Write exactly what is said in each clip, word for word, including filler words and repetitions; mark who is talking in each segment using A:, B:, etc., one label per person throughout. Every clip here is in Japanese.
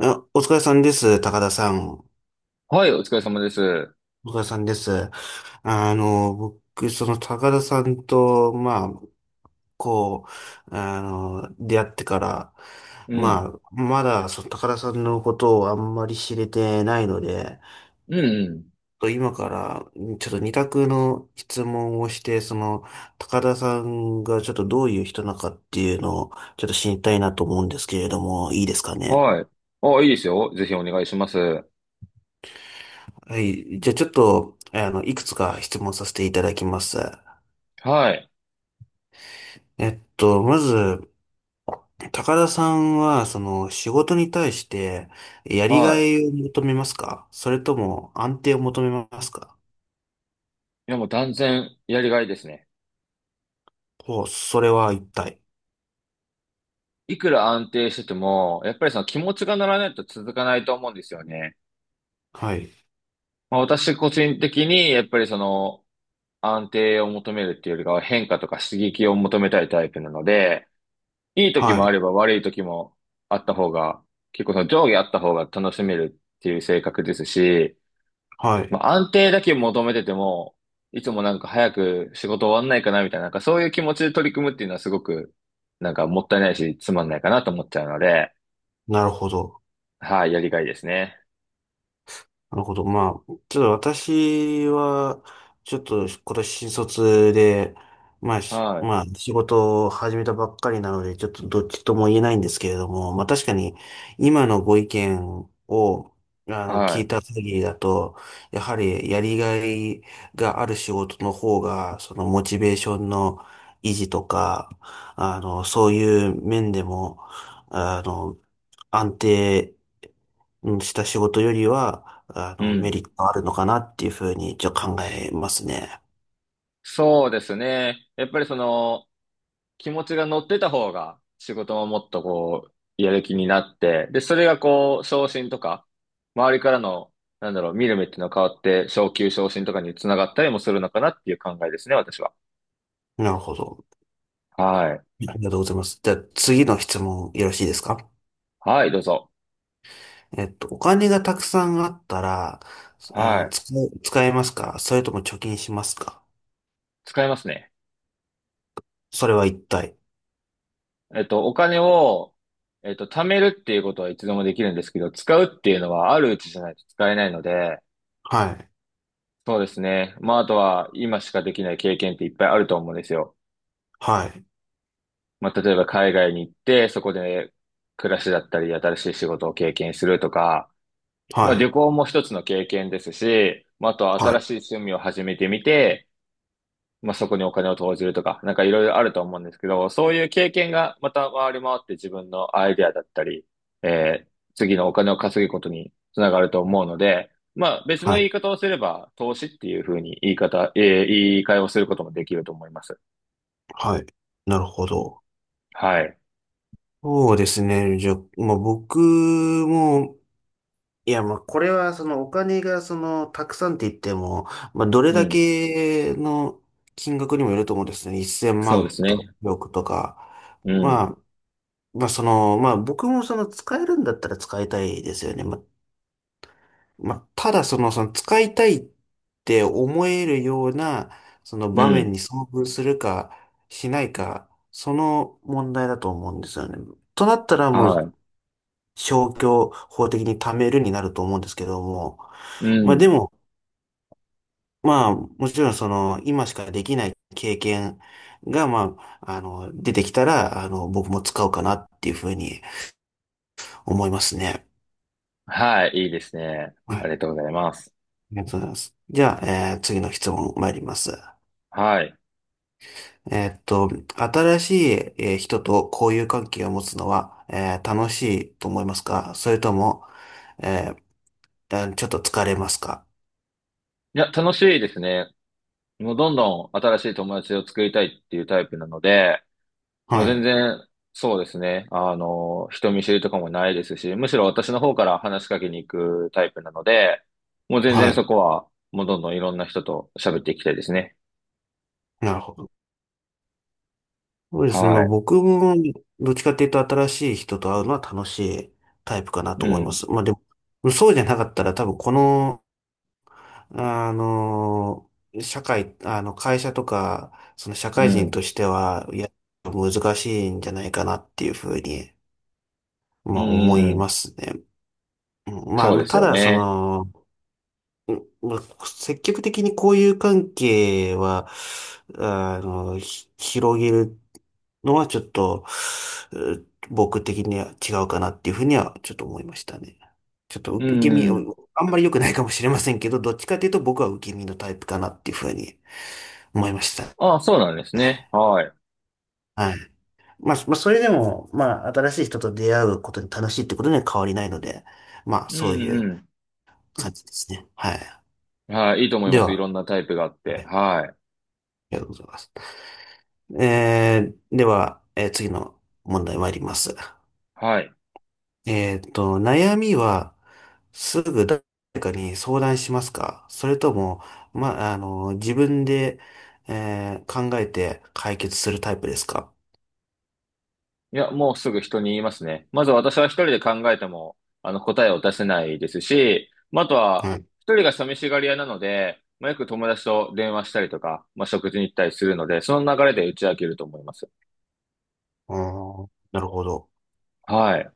A: あ、お疲れさんです、高田さん。お
B: はい、お疲れ様です。
A: 疲れさんです。あの、僕、その高田さんと、まあ、こう、あの、出会ってから、
B: う
A: ま
B: ん。
A: あ、まだ、その高田さんのことをあんまり知れてないので、
B: うん、うん。
A: と今から、ちょっと二択の質問をして、その、高田さんがちょっとどういう人なのかっていうのを、ちょっと知りたいなと思うんですけれども、いいですかね？
B: はい。あ、いいですよ。ぜひお願いします。
A: はい。じゃあちょっと、あの、いくつか質問させていただきます。
B: はい。
A: えっと、まず、高田さんは、その、仕事に対して、やりが
B: は
A: いを求めますか、それとも、安定を求めますか？
B: い。いや、もう断然やりがいですね。
A: ほう、それは一体？
B: いくら安定してても、やっぱりその気持ちが乗らないと続かないと思うんですよね。
A: はい。
B: まあ、私個人的に、やっぱりその安定を求めるっていうよりかは変化とか刺激を求めたいタイプなので、いい時
A: は
B: もあ
A: い。
B: れば悪い時もあった方が、結構その上下あった方が楽しめるっていう性格ですし、
A: はい。はい。
B: まあ、安定だけ求めてても、いつもなんか早く仕事終わんないかなみたいな、なんかそういう気持ちで取り組むっていうのはすごく、なんかもったいないし、つまんないかなと思っちゃうので、
A: なるほど。
B: はい、やりがいですね。
A: なるほど。まあ、ちょっと私は、ちょっと今年新卒で、まあ、し
B: はい、
A: まあ、仕事を始めたばっかりなので、ちょっとどっちとも言えないんですけれども、まあ確かに今のご意見を、あの、聞い
B: は
A: た限りだと、やはりやりがいがある仕事の方が、そのモチベーションの維持とか、あの、そういう面でも、あの、安定うんした仕事よりは、あ
B: い、う
A: の、メ
B: ん。
A: リットあるのかなっていうふうに、じゃ考えますね。
B: そうですね。やっぱりその、気持ちが乗ってた方が、仕事ももっとこう、やる気になって、で、それがこう、昇進とか、周りからの、なんだろう、見る目っていうのが変わって、昇給昇進とかにつながったりもするのかなっていう考えですね、私は。
A: なるほど。
B: はい。
A: ありがとうございます。じゃあ次の質問よろしいですか？
B: はい、どうぞ。
A: えっと、お金がたくさんあったら、
B: は
A: あー、
B: い。
A: 使う使えますか、それとも貯金しますか？
B: 使いますね。
A: それは一体？
B: えっと、お金を、えっと、貯めるっていうことはいつでもできるんですけど、使うっていうのはあるうちじゃないと使えないので、
A: はい。
B: そうですね。まあ、あとは今しかできない経験っていっぱいあると思うんですよ。
A: はい。
B: まあ、例えば海外に行って、そこで暮らしだったり、新しい仕事を経験するとか、まあ、
A: は
B: 旅
A: い。
B: 行も一つの経験ですし、まあ、あとは
A: は
B: 新
A: い。
B: しい趣味を始めてみて、まあ、そこにお金を投じるとか、なんかいろいろあると思うんですけど、そういう経験がまた回り回って自分のアイデアだったり、えー次のお金を稼ぐことにつながると思うので、まあ、別の
A: は
B: 言
A: い。
B: い方をすれば、投資っていうふうに言い方、えー言い換えをすることもできると思います。
A: はい。なるほど。
B: はい。
A: そうですね。じゃあ、まあ、僕も、いや、まあ、これは、その、お金が、その、たくさんって言っても、まあ、どれ
B: う
A: だ
B: ん。
A: けの金額にもよると思うんですね。1000
B: そうで
A: 万
B: す
A: とか、
B: ね。
A: 億とか。
B: う
A: ま
B: ん。
A: あ、まあ、その、まあ、僕も、その、使えるんだったら使いたいですよね。まあ、まあ、ただ、その、その、使いたいって思えるような、その
B: う
A: 場面
B: ん。
A: に遭遇するか、しないか、その問題だと思うんですよね。となったら、もう、
B: は
A: 消去法的に貯めるになると思うんですけども、
B: い。う
A: まあで
B: ん。
A: も、まあもちろんその今しかできない経験がまあ、あの、出てきたら、あの、僕も使うかなっていうふうに思いますね。
B: はい。いいですね。
A: は
B: あ
A: い。
B: りがと
A: あ
B: うございます。
A: りがとうございます。じゃあ、えー次の質問参ります。
B: はい。
A: えーっと、新しい、えー人と交友関係を持つのは、えー楽しいと思いますか、それとも、えーあちょっと疲れますか？
B: いや、楽しいですね。もうどんどん新しい友達を作りたいっていうタイプなので、もう
A: は
B: 全
A: い。
B: 然、そうですね。あの、人見知りとかもないですし、むしろ私の方から話しかけに行くタイプなので、もう全
A: は
B: 然そ
A: い。
B: こは、もうどんどんいろんな人と喋っていきたいですね。
A: なるほど。そうですね。ま
B: は
A: あ
B: い。
A: 僕も、どっちかっていうと新しい人と会うのは楽しいタイプかなと
B: う
A: 思いま
B: ん。
A: す。まあでも、そうじゃなかったら多分この、あの、社会、あの、会社とか、その社
B: う
A: 会人
B: ん。
A: としては、いや、難しいんじゃないかなっていうふうに、
B: う
A: まあ思
B: ん。う
A: いま
B: ん。
A: すね。うんま
B: そう
A: あ、
B: です
A: た
B: よ
A: だ、そ
B: ね。
A: の、うんまあ積極的に交友関係は、あの、ひ広げるのはちょっと、う僕的には違うかなっていうふうにはちょっと思いましたね。ちょっと
B: う
A: 受け身、あ
B: ん。
A: んまり良くないかもしれませんけど、どっちかというと僕は受け身のタイプかなっていうふうに思いましたね。
B: ああ、そうなんですね。はい。
A: はい。まあ、まあ、それでも、まあ、新しい人と出会うことに楽しいってことには変わりないので、まあ、
B: う
A: そうい
B: ん。う
A: う
B: ん。
A: 感じですね。はい。
B: はい。いいと思い
A: で
B: ます。い
A: は、
B: ろんなタイプがあっ
A: は
B: て。
A: い、あ
B: はい。
A: りがとうございます。えー、では、えー次の問題参ります。
B: はい。
A: えーっと、悩みは、すぐ誰かに相談しますか、それとも、ま、あの、自分で、えー考えて解決するタイプですか？
B: いや、もうすぐ人に言いますね。まず私は一人で考えても、あの、答えを出せないですし、まあ、あとは、
A: はい。
B: 一人が寂しがり屋なので、まあ、よく友達と電話したりとか、まあ、食事に行ったりするので、その流れで打ち明けると思います。
A: あー、なるほど。
B: はい。あ、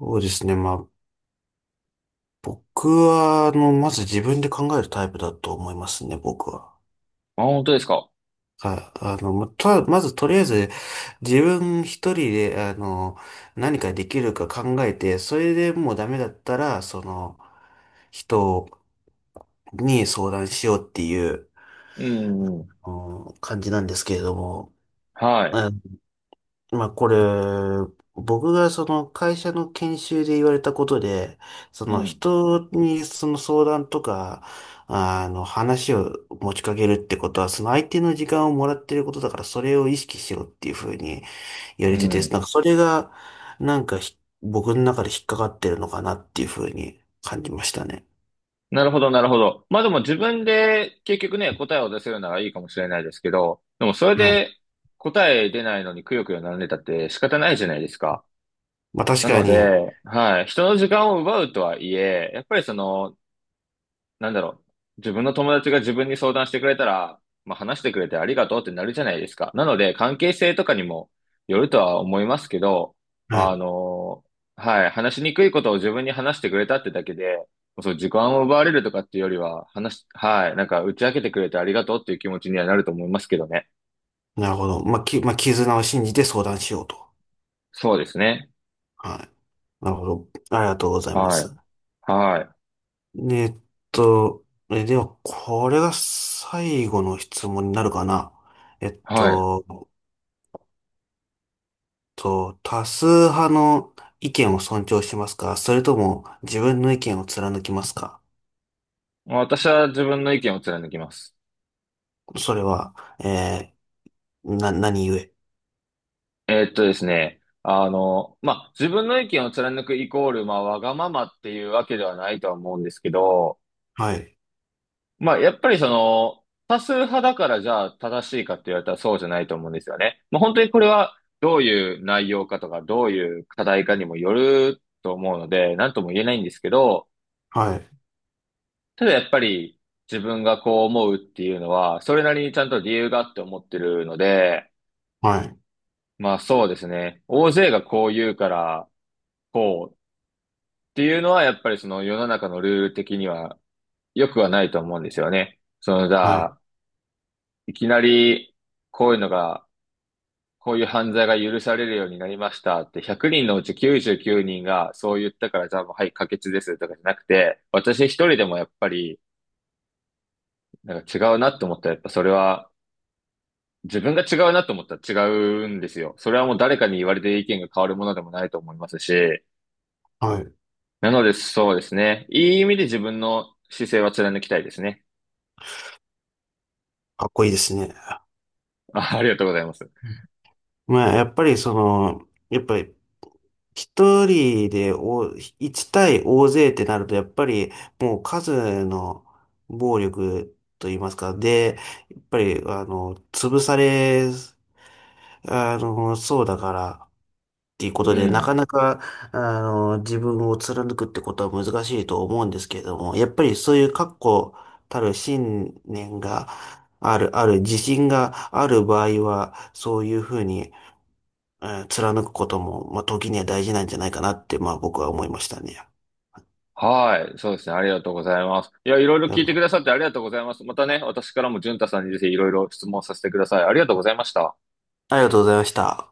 A: そうですね。まあ、僕は、あの、まず自分で考えるタイプだと思いますね、僕は。
B: 本当ですか。
A: はい。あの、また、まずとりあえず、自分一人で、あの、何かできるか考えて、それでもうダメだったら、その、人をに相談しようっていう、
B: うん、うん。
A: うん感じなんですけれども、
B: はい。
A: あまあこれ、僕がその会社の研修で言われたことで、そ
B: う
A: の
B: ん、
A: 人にその相談とか、あの話を持ちかけるってことは、その相手の時間をもらってることだから、それを意識しろっていうふうに言わ
B: う
A: れてて、
B: ん。
A: なんかそれが、なんかひ僕の中で引っかかってるのかなっていうふうに感じましたね。
B: なるほど、なるほど。まあ、でも自分で結局ね、答えを出せるならいいかもしれないですけど、でもそれ
A: はい。
B: で答え出ないのにくよくよ悩んでたって仕方ないじゃないですか。
A: まあ確
B: な
A: か
B: の
A: に、
B: で、はい、人の時間を奪うとはいえ、やっぱりその、なんだろう、自分の友達が自分に相談してくれたら、まあ、話してくれてありがとうってなるじゃないですか。なので、関係性とかにもよるとは思いますけど、
A: は
B: あ
A: い。
B: の、はい、話しにくいことを自分に話してくれたってだけで、そう、時間を奪われるとかっていうよりは、話し、はい、なんか打ち明けてくれてありがとうっていう気持ちにはなると思いますけどね。
A: なるほど。まあ、き、まあ、絆を信じて相談しようと。
B: そうですね。
A: はい。なるほど。ありがとうございま
B: は
A: す。
B: い、はい、
A: えっと、え、では、これが最後の質問になるかな。えっ
B: はい。
A: と、と、多数派の意見を尊重しますか、それとも自分の意見を貫きますか？
B: 私は自分の意見を貫きます。
A: それは、えー、な、何故？
B: えーっとですね。あの、まあ、自分の意見を貫くイコール、まあ、わがままっていうわけではないとは思うんですけど、
A: はい。
B: まあ、やっぱりその、多数派だからじゃあ正しいかって言われたらそうじゃないと思うんですよね。まあ、本当にこれはどういう内容かとか、どういう課題かにもよると思うので、なんとも言えないんですけど、
A: はい。
B: ただやっぱり自分がこう思うっていうのは、それなりにちゃんと理由があって思ってるので、
A: はい。
B: まあそうですね。大勢がこう言うから、こう、っていうのは、やっぱりその世の中のルール的には良くはないと思うんですよね。その、じ
A: は
B: ゃ
A: い。
B: あ、いきなり、こういうのが、こういう犯罪が許されるようになりましたって、ひゃくにんのうちきゅうじゅうきゅうにんがそう言ったから、じゃあもう、はい、可決ですとかじゃなくて、私一人でもやっぱり、なんか違うなと思ったら、やっぱそれは、自分が違うなと思ったら違うんですよ。それはもう誰かに言われて意見が変わるものでもないと思いますし、
A: はい。
B: なのでそうですね。いい意味で自分の姿勢は貫きたいですね。
A: かっこいいですね。
B: あありがとうございます。
A: まあ、やっぱりその、やっぱり一人でお、一対大勢ってなると、やっぱりもう数の暴力と言いますか、で、やっぱり、あの、潰され、あの、そうだからっていうこ
B: う
A: とで、なか
B: ん。
A: なか、あの、自分を貫くってことは難しいと思うんですけれども、やっぱりそういう確固たる信念がある、ある自信がある場合は、そういうふうに、えー貫くことも、まあ、時には大事なんじゃないかなって、まあ、僕は思いましたね。い
B: はい。そうですね。ありがとうございます。いや、いろいろ聞いてくだ
A: や
B: さってありがとうございます。またね、私からも淳太さんにぜひいろいろ質問させてください。ありがとうございました。
A: ありがとうございました。